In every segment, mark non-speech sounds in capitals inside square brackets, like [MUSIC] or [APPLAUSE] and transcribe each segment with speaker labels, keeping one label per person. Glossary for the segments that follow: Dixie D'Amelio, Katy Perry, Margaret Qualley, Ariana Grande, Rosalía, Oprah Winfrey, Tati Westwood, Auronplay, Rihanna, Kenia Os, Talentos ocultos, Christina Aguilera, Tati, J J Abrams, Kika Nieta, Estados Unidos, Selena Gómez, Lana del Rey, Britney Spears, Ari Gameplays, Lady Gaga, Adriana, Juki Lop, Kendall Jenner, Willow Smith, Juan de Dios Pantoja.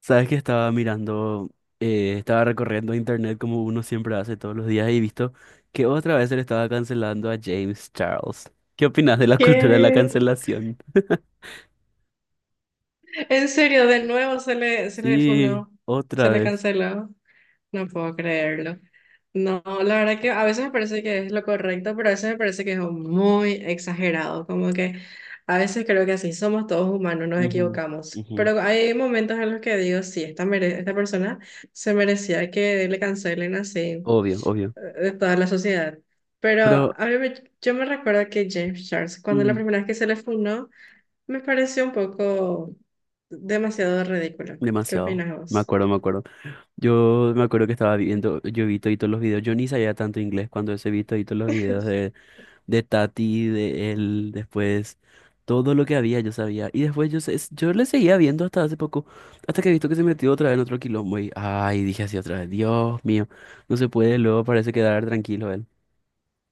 Speaker 1: Sabes que estaba mirando, estaba recorriendo internet como uno siempre hace todos los días y visto que otra vez se le estaba cancelando a James Charles. ¿Qué opinas de la [LAUGHS] cultura de la
Speaker 2: ¿Qué?
Speaker 1: cancelación? [LAUGHS]
Speaker 2: En serio, de nuevo se le
Speaker 1: Sí,
Speaker 2: funó,
Speaker 1: otra
Speaker 2: se le
Speaker 1: vez.
Speaker 2: canceló. No puedo creerlo. No, la verdad que a veces me parece que es lo correcto, pero a veces me parece que es muy exagerado. Como que a veces creo que así somos todos humanos, nos
Speaker 1: Ujú,
Speaker 2: equivocamos.
Speaker 1: ujú.
Speaker 2: Pero hay momentos en los que digo, sí, esta persona se merecía que le cancelen así,
Speaker 1: Obvio, obvio.
Speaker 2: de toda la sociedad. Pero
Speaker 1: Pero
Speaker 2: yo me recuerdo que James Charles, cuando la
Speaker 1: mm,
Speaker 2: primera vez que se le funó, me pareció un poco demasiado ridículo. ¿Qué
Speaker 1: demasiado.
Speaker 2: opinas
Speaker 1: Me
Speaker 2: vos?
Speaker 1: acuerdo, me acuerdo. Yo me acuerdo que estaba viendo, yo vi todos los videos. Yo ni sabía tanto inglés cuando ese vi todos los videos de Tati, de él, después todo lo que había yo sabía. Y después yo, yo le seguía viendo hasta hace poco, hasta que he visto que se metió otra vez en otro quilombo y, ay, dije así otra vez, Dios mío, no se puede, luego parece quedar tranquilo él.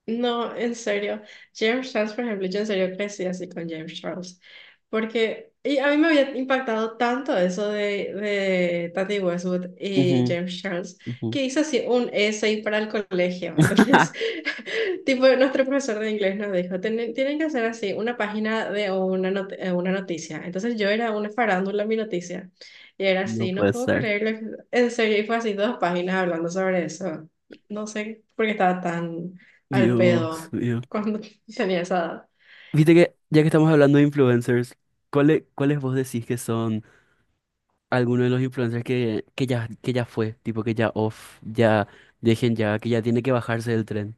Speaker 2: No, en serio. James Charles, por ejemplo, yo en serio crecí así con James Charles. Porque y a mí me había impactado tanto eso de Tati Westwood
Speaker 1: Ujú,
Speaker 2: y James Charles,
Speaker 1: ujú.
Speaker 2: que hice así un essay para el colegio. Entonces,
Speaker 1: [LAUGHS]
Speaker 2: [LAUGHS] tipo, nuestro profesor de inglés nos dijo, "Tienen que hacer así una página de una, not- una noticia". Entonces yo era una farándula en mi noticia. Y era
Speaker 1: No
Speaker 2: así, no
Speaker 1: puede
Speaker 2: puedo
Speaker 1: ser.
Speaker 2: creerlo. En serio, y fue así dos páginas hablando sobre eso. No sé por qué estaba tan al
Speaker 1: Dios
Speaker 2: pedo
Speaker 1: mío.
Speaker 2: cuando [LAUGHS] tenía esa edad.
Speaker 1: Viste que, ya que estamos hablando de influencers, ¿cuáles, cuáles vos decís que son algunos de los influencers que ya fue? Tipo que ya off, ya dejen ya, que ya tiene que bajarse del tren.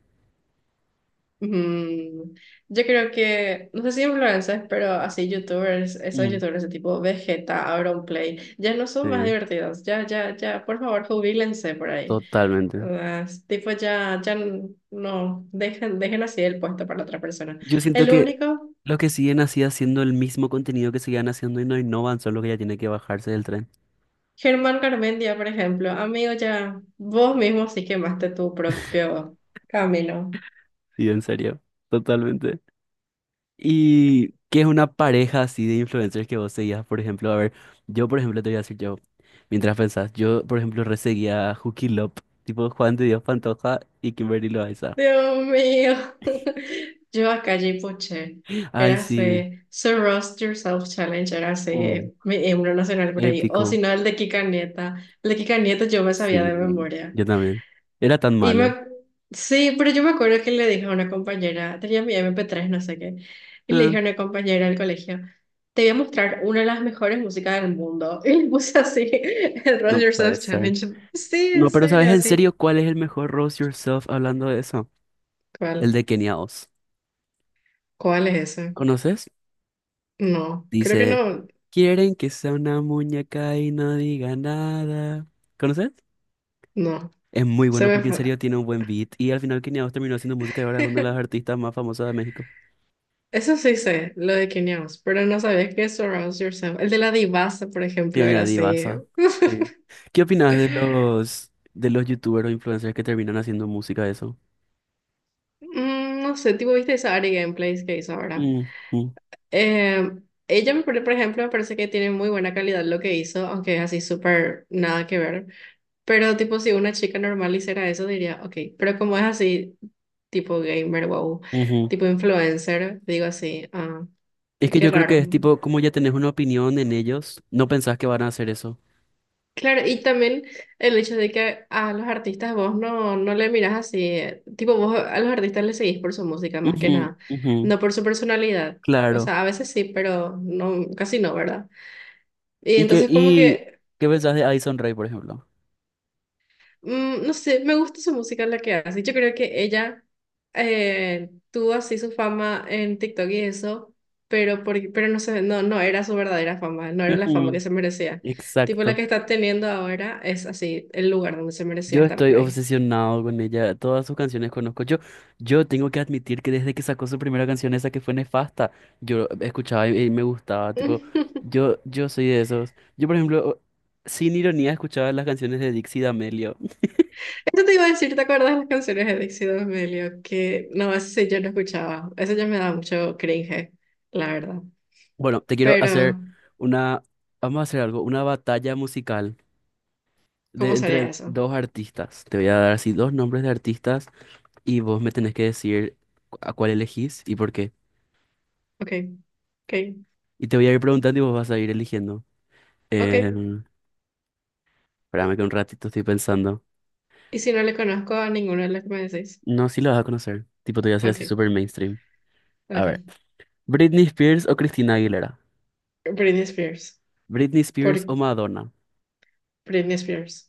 Speaker 2: Mm, yo creo que, no sé si influencers, pero así youtubers, esos
Speaker 1: Mm,
Speaker 2: youtubers de tipo Vegeta, Auronplay, ya no son más
Speaker 1: sí.
Speaker 2: divertidos, ya, ya, ya, por favor, jubílense por ahí.
Speaker 1: Totalmente.
Speaker 2: Ah, es tipo, ya, ya, no, dejen, dejen así el puesto para otra persona.
Speaker 1: Yo siento
Speaker 2: El
Speaker 1: que
Speaker 2: único,
Speaker 1: los que siguen así haciendo el mismo contenido que siguen haciendo y no innovan son los que ya tienen que bajarse del tren.
Speaker 2: Germán Garmendia, por ejemplo, amigo, ya, vos mismo sí quemaste tu propio camino.
Speaker 1: Sí, en serio. Totalmente. ¿Y qué es una pareja así de influencers que vos seguías? Por ejemplo, a ver, yo por ejemplo te voy a decir yo, mientras pensás, yo por ejemplo reseguía a Juki Lop, tipo Juan de Dios Pantoja y Kimberly Loaiza.
Speaker 2: Dios mío. [LAUGHS] Yo acá, Poche,
Speaker 1: Ay,
Speaker 2: era
Speaker 1: sí.
Speaker 2: ese So Roast Yourself Challenge, era
Speaker 1: Mm,
Speaker 2: ese mi himno nacional por ahí, o si
Speaker 1: épico.
Speaker 2: no, el de Kika Nieta. El de Kika Nieta yo me sabía
Speaker 1: Sí,
Speaker 2: de memoria.
Speaker 1: yo también. Era tan
Speaker 2: Y
Speaker 1: malo.
Speaker 2: me, sí, pero yo me acuerdo que le dije a una compañera, tenía mi MP3 no sé qué, y le
Speaker 1: Ah,
Speaker 2: dije a una compañera del colegio, te voy a mostrar una de las mejores músicas del mundo. [LAUGHS] Y le puse así, [LAUGHS] el Roast
Speaker 1: no puede
Speaker 2: Yourself
Speaker 1: ser.
Speaker 2: Challenge. Sí, en
Speaker 1: No, pero ¿sabes
Speaker 2: serio,
Speaker 1: en
Speaker 2: así.
Speaker 1: serio cuál es el mejor Rose Yourself hablando de eso? El
Speaker 2: ¿Cuál?
Speaker 1: de Kenia Os.
Speaker 2: ¿Cuál es ese?
Speaker 1: ¿Conoces?
Speaker 2: No, creo que
Speaker 1: Dice,
Speaker 2: no.
Speaker 1: quieren que sea una muñeca y no diga nada. ¿Conoces?
Speaker 2: No,
Speaker 1: Es muy
Speaker 2: se
Speaker 1: bueno
Speaker 2: me
Speaker 1: porque en
Speaker 2: fue.
Speaker 1: serio tiene un buen beat y al final Kenia Os terminó haciendo música y ahora es una de las
Speaker 2: [LAUGHS]
Speaker 1: artistas más famosas de México.
Speaker 2: Eso sí sé, lo de Kenya, pero no sabía que Surround Yourself. El de la divasa, por ejemplo,
Speaker 1: En
Speaker 2: era
Speaker 1: la
Speaker 2: así.
Speaker 1: divasa. Sí.
Speaker 2: [LAUGHS]
Speaker 1: ¿Qué opinas de los youtubers o influencers que terminan haciendo música de eso?
Speaker 2: No sé, tipo, viste esa Ari Gameplays que hizo ahora.
Speaker 1: Mm, mm,
Speaker 2: Eh, Ella, por ejemplo, me parece que tiene muy buena calidad lo que hizo, aunque es así súper nada que ver. Pero, tipo, si una chica normal hiciera eso, diría, ok, pero como es así, tipo gamer, wow,
Speaker 1: ujú.
Speaker 2: tipo influencer, digo así, ah,
Speaker 1: Es que
Speaker 2: qué
Speaker 1: yo creo que
Speaker 2: raro.
Speaker 1: es tipo, como ya tenés una opinión en ellos, no pensás que van a hacer eso.
Speaker 2: Claro, y también el hecho de que a los artistas vos no le mirás así, tipo vos a los artistas le seguís por su música más que
Speaker 1: Ujú,
Speaker 2: nada,
Speaker 1: ujú,
Speaker 2: no por su personalidad. O
Speaker 1: claro.
Speaker 2: sea, a veces sí, pero no, casi no, ¿verdad? Y entonces como
Speaker 1: Y
Speaker 2: que,
Speaker 1: qué pensás de Addison Rae, por ejemplo?
Speaker 2: no sé, me gusta su música la que hace. Yo creo que ella, tuvo así su fama en TikTok y eso, pero, pero no sé, no era su verdadera fama, no era la fama que
Speaker 1: Ujú,
Speaker 2: se merecía. Tipo la
Speaker 1: exacto.
Speaker 2: que está teniendo ahora es así, el lugar donde se merecía
Speaker 1: Yo
Speaker 2: estar
Speaker 1: estoy
Speaker 2: por ahí.
Speaker 1: obsesionado con ella. Todas sus canciones conozco. Yo tengo que admitir que desde que sacó su primera canción, esa que fue Nefasta, yo escuchaba y me gustaba.
Speaker 2: [LAUGHS]
Speaker 1: Tipo,
Speaker 2: Eso
Speaker 1: yo soy de esos. Yo, por ejemplo, sin ironía, escuchaba las canciones de Dixie D'Amelio.
Speaker 2: te iba a decir, ¿te acuerdas de las canciones de Dixie D'Amelio? Que no, eso sí yo no escuchaba. Eso ya me daba mucho cringe, la verdad.
Speaker 1: Bueno, te quiero hacer
Speaker 2: Pero
Speaker 1: una. Vamos a hacer algo, una batalla musical de
Speaker 2: ¿cómo sería
Speaker 1: entre
Speaker 2: eso?
Speaker 1: dos artistas. Te voy a dar así dos nombres de artistas. Y vos me tenés que decir a cuál elegís y por qué.
Speaker 2: Ok, ok,
Speaker 1: Y te voy a ir preguntando y vos vas a ir eligiendo.
Speaker 2: ok.
Speaker 1: Eh, Espérame que un ratito estoy pensando.
Speaker 2: Y si no le conozco a ninguno de los que me decís.
Speaker 1: No, sí lo vas a conocer. Tipo, te voy a hacer
Speaker 2: Ok,
Speaker 1: así súper mainstream. A ver.
Speaker 2: ok.
Speaker 1: ¿Britney Spears o Christina Aguilera?
Speaker 2: Britney Spears.
Speaker 1: ¿Britney Spears
Speaker 2: Por
Speaker 1: o Madonna?
Speaker 2: Britney Spears.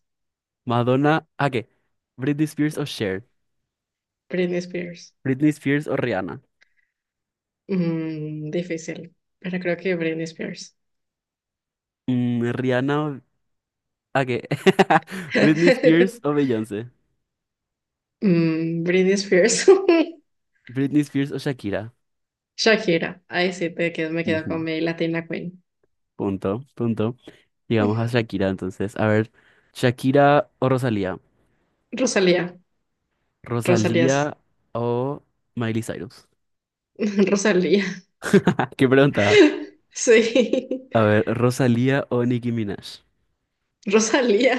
Speaker 1: ¿Madonna? ¿A qué? ¿Britney Spears o Cher?
Speaker 2: Britney Spears.
Speaker 1: ¿Britney Spears o Rihanna?
Speaker 2: Difícil. Pero creo que Britney Spears.
Speaker 1: Mm, ¿Rihanna o... ¿A qué? [LAUGHS] ¿Britney Spears o
Speaker 2: [LAUGHS]
Speaker 1: Beyoncé?
Speaker 2: Britney Spears.
Speaker 1: ¿Britney Spears o Shakira?
Speaker 2: [LAUGHS] Shakira. Ahí sí te quedo, me quedo
Speaker 1: Ujú.
Speaker 2: con mi Latina Queen.
Speaker 1: Punto, punto. Llegamos a Shakira, entonces. A ver, Shakira o Rosalía.
Speaker 2: Rosalía, Rosalía, sí.
Speaker 1: Rosalía o Miley Cyrus. [LAUGHS]
Speaker 2: [LAUGHS] Rosalía. [LAUGHS]
Speaker 1: Qué pregunta.
Speaker 2: Sí. [LAUGHS]
Speaker 1: A ver, Rosalía o Nicki Minaj.
Speaker 2: Rosalía,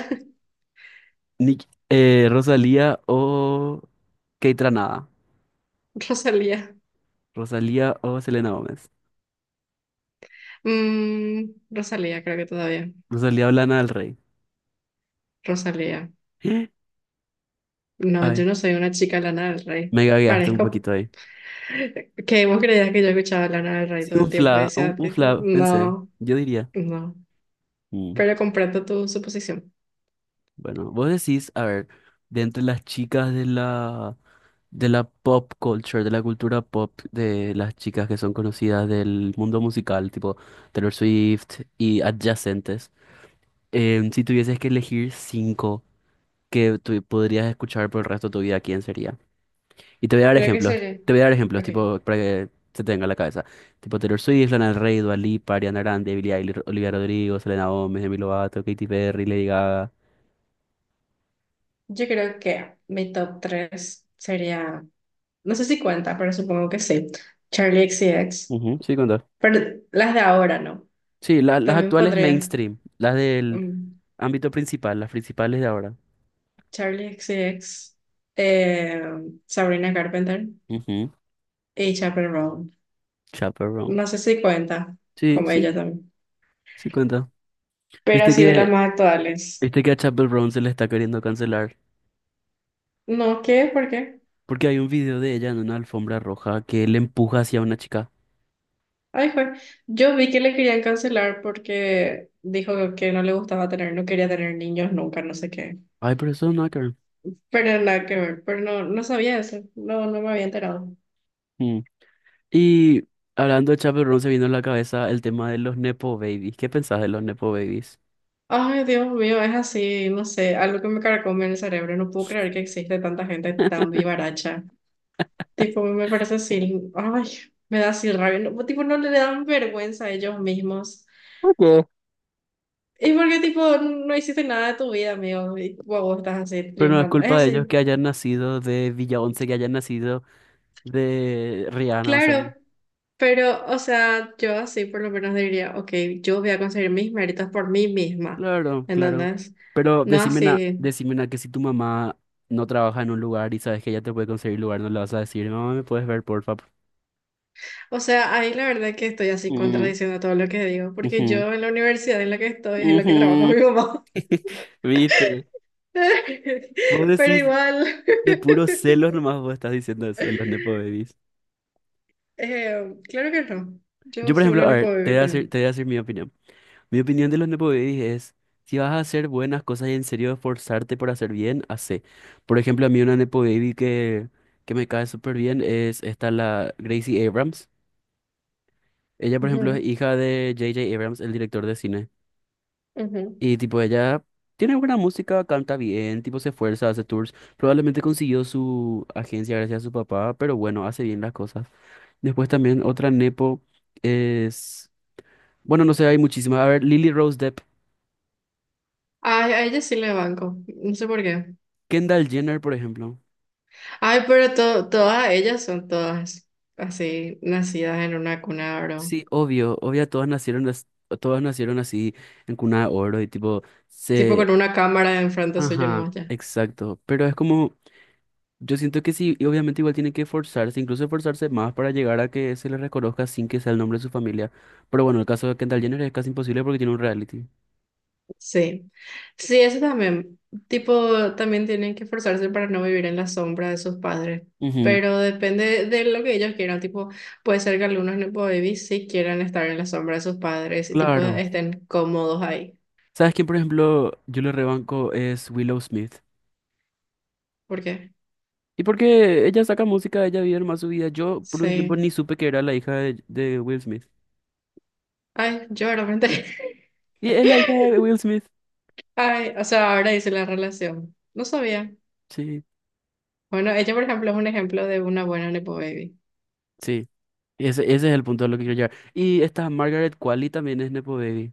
Speaker 1: Rosalía o Kate Ranada.
Speaker 2: Rosalía.
Speaker 1: Rosalía o Selena Gómez.
Speaker 2: Rosalía, creo que todavía.
Speaker 1: Rosalía o Lana del Rey.
Speaker 2: Rosalía.
Speaker 1: [GASPS]
Speaker 2: No, yo
Speaker 1: Ay,
Speaker 2: no soy una chica Lana del Rey.
Speaker 1: me gagueaste un
Speaker 2: Parezco
Speaker 1: poquito ahí.
Speaker 2: que vos creías que yo escuchaba Lana del Rey
Speaker 1: Sí,
Speaker 2: todo
Speaker 1: un
Speaker 2: el tiempo y
Speaker 1: fla,
Speaker 2: decía,
Speaker 1: un fla, pensé.
Speaker 2: no,
Speaker 1: Yo diría.
Speaker 2: no.
Speaker 1: Mm.
Speaker 2: Pero comprendo tu suposición.
Speaker 1: Bueno, vos decís, a ver, de entre las chicas de la pop culture, de la cultura pop, de las chicas que son conocidas del mundo musical, tipo Taylor Swift y adyacentes, si tuvieses que elegir cinco que tú podrías escuchar por el resto de tu vida, ¿quién sería? Y te voy a dar
Speaker 2: Creo que
Speaker 1: ejemplos,
Speaker 2: sería.
Speaker 1: te voy a dar ejemplos,
Speaker 2: Ok.
Speaker 1: tipo, para que se te venga a la cabeza. Tipo Taylor Swift, Lana del Rey, Dua Lipa, Ariana Grande, Billie Eilish, Olivia Rodrigo, Selena Gomez, Demi Lovato, Katy Perry, Lady Gaga.
Speaker 2: Yo creo que mi top 3 sería. No sé si cuenta, pero supongo que sí. Charlie XCX.
Speaker 1: Ujú, sí, contá.
Speaker 2: Pero las de ahora no.
Speaker 1: Sí, las
Speaker 2: También
Speaker 1: actuales
Speaker 2: pondría,
Speaker 1: mainstream, las del
Speaker 2: mm,
Speaker 1: ámbito principal, las principales de ahora.
Speaker 2: Charlie XCX, eh, Sabrina Carpenter
Speaker 1: Ujú,
Speaker 2: y Chappell Roan.
Speaker 1: Chappell Roan.
Speaker 2: No sé si cuenta,
Speaker 1: Sí,
Speaker 2: como
Speaker 1: sí,
Speaker 2: ella también.
Speaker 1: sí cuenta.
Speaker 2: Pero
Speaker 1: Viste
Speaker 2: así de las
Speaker 1: que,
Speaker 2: más actuales.
Speaker 1: viste que a Chappell Roan se le está queriendo cancelar.
Speaker 2: No, ¿qué? ¿Por qué?
Speaker 1: Porque hay un video de ella en una alfombra roja que le empuja hacia una chica.
Speaker 2: Ay, jue. Yo vi que le querían cancelar porque dijo que no le gustaba tener, no quería tener niños nunca, no sé qué.
Speaker 1: Ay, pero eso es un hacker.
Speaker 2: Pero nada que ver, pero no, no sabía eso, no, no me había enterado.
Speaker 1: Mm. Y hablando de Chappell Roan, se vino a la cabeza el tema de los Nepo Babies. ¿Qué pensás de los Nepo Babies?
Speaker 2: Ay, Dios mío, es así, no sé, algo que me carcome en el cerebro. No puedo creer que existe tanta gente tan vivaracha. Tipo, me parece así, ay, me da así rabia. No, tipo, no le dan vergüenza a ellos mismos.
Speaker 1: ¿Por qué?
Speaker 2: Y porque, tipo, no hiciste nada de tu vida, amigo, y tipo, vos estás así
Speaker 1: Pero no es
Speaker 2: triunfando. Es
Speaker 1: culpa de ellos
Speaker 2: así,
Speaker 1: que hayan nacido de Villa Once, que hayan nacido de Rihanna, o sea.
Speaker 2: claro, pero, o sea, yo así por lo menos diría, ok, yo voy a conseguir mis méritos por mí misma,
Speaker 1: Claro, claro.
Speaker 2: ¿entendés?
Speaker 1: Pero
Speaker 2: No
Speaker 1: decime
Speaker 2: así.
Speaker 1: decime na que si tu mamá no trabaja en un lugar y sabes que ella te puede conseguir lugar, no le vas a decir, mamá, ¿me puedes ver, porfa?
Speaker 2: O sea, ahí la verdad que estoy así
Speaker 1: Mm,
Speaker 2: contradiciendo todo lo que digo, porque
Speaker 1: ujú,
Speaker 2: yo en la universidad en la que estoy es en la que trabaja mi
Speaker 1: ujú".
Speaker 2: mamá.
Speaker 1: [LAUGHS] ¿Viste? Vos
Speaker 2: [LAUGHS] Pero
Speaker 1: decís
Speaker 2: igual,
Speaker 1: de puros
Speaker 2: [LAUGHS]
Speaker 1: celos nomás vos estás diciendo eso de los Nepo Babies.
Speaker 2: claro que no.
Speaker 1: Yo,
Speaker 2: Yo
Speaker 1: por
Speaker 2: soy
Speaker 1: ejemplo,
Speaker 2: una
Speaker 1: a
Speaker 2: nepo
Speaker 1: ver, te
Speaker 2: baby
Speaker 1: voy a decir,
Speaker 2: también.
Speaker 1: te voy a decir mi opinión. Mi opinión de los Nepo Babies es, si vas a hacer buenas cosas y en serio esforzarte por hacer bien, hacé. Por ejemplo, a mí una Nepo Baby que me cae súper bien es esta, la Gracie Abrams. Ella, por ejemplo, es hija de J.J. Abrams, el director de cine.
Speaker 2: Ujú, ujú.
Speaker 1: Y tipo, ella tiene buena música, canta bien, tipo, se esfuerza, hace tours. Probablemente consiguió su agencia gracias a su papá, pero bueno, hace bien las cosas. Después también otra Nepo es... Bueno, no sé, hay muchísimas. A ver, Lily Rose Depp,
Speaker 2: Ay, a ella sí le banco, no sé por qué.
Speaker 1: Kendall Jenner, por ejemplo.
Speaker 2: Ay, pero todas ellas son todas así, nacidas en una cuna, bro.
Speaker 1: Sí, obvio, obvio, todas nacieron, todas nacieron así en cuna de oro y tipo,
Speaker 2: Tipo con
Speaker 1: se...
Speaker 2: una cámara enfrente suyo
Speaker 1: Ajá,
Speaker 2: nomás.
Speaker 1: exacto. Pero es como... Yo siento que sí, y obviamente igual tiene que forzarse, incluso forzarse más para llegar a que se le reconozca sin que sea el nombre de su familia. Pero bueno, el caso de Kendall Jenner es casi imposible porque tiene un reality.
Speaker 2: Sí, sí, eso también, tipo, también tienen que esforzarse para no vivir en la sombra de sus padres,
Speaker 1: Ujú,
Speaker 2: pero depende de lo que ellos quieran, tipo, puede ser que algunos nepo babies sí quieran estar en la sombra de sus padres y tipo
Speaker 1: claro.
Speaker 2: estén cómodos ahí,
Speaker 1: ¿Sabes quién, por ejemplo, yo le rebanco es Willow Smith?
Speaker 2: porque
Speaker 1: Y porque ella saca música, ella vive más su vida. Yo por un tiempo
Speaker 2: sí,
Speaker 1: ni supe que era la hija de Will Smith.
Speaker 2: ay, yo realmente,
Speaker 1: Y es la hija de Will Smith.
Speaker 2: [LAUGHS] ay, o sea, ahora hice la relación, no sabía.
Speaker 1: Sí,
Speaker 2: Bueno, ella por ejemplo es un ejemplo de una buena nepo baby.
Speaker 1: sí. Ese es el punto a lo que quiero llegar. Y esta Margaret Qualley también es Nepo Baby,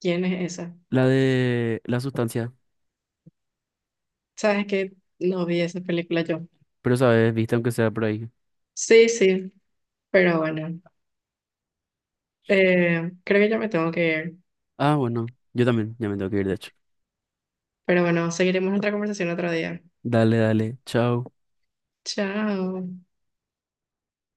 Speaker 2: ¿Quién es esa?
Speaker 1: la de la sustancia.
Speaker 2: ¿Sabes que? No vi esa película yo.
Speaker 1: Pero sabes, viste, aunque sea por ahí.
Speaker 2: Sí, sí, pero bueno. Creo que ya me tengo que ir,
Speaker 1: Ah, bueno, yo también, ya me tengo que ir, de hecho.
Speaker 2: pero bueno, seguiremos nuestra conversación otro día.
Speaker 1: Dale, dale, chao.
Speaker 2: Chao.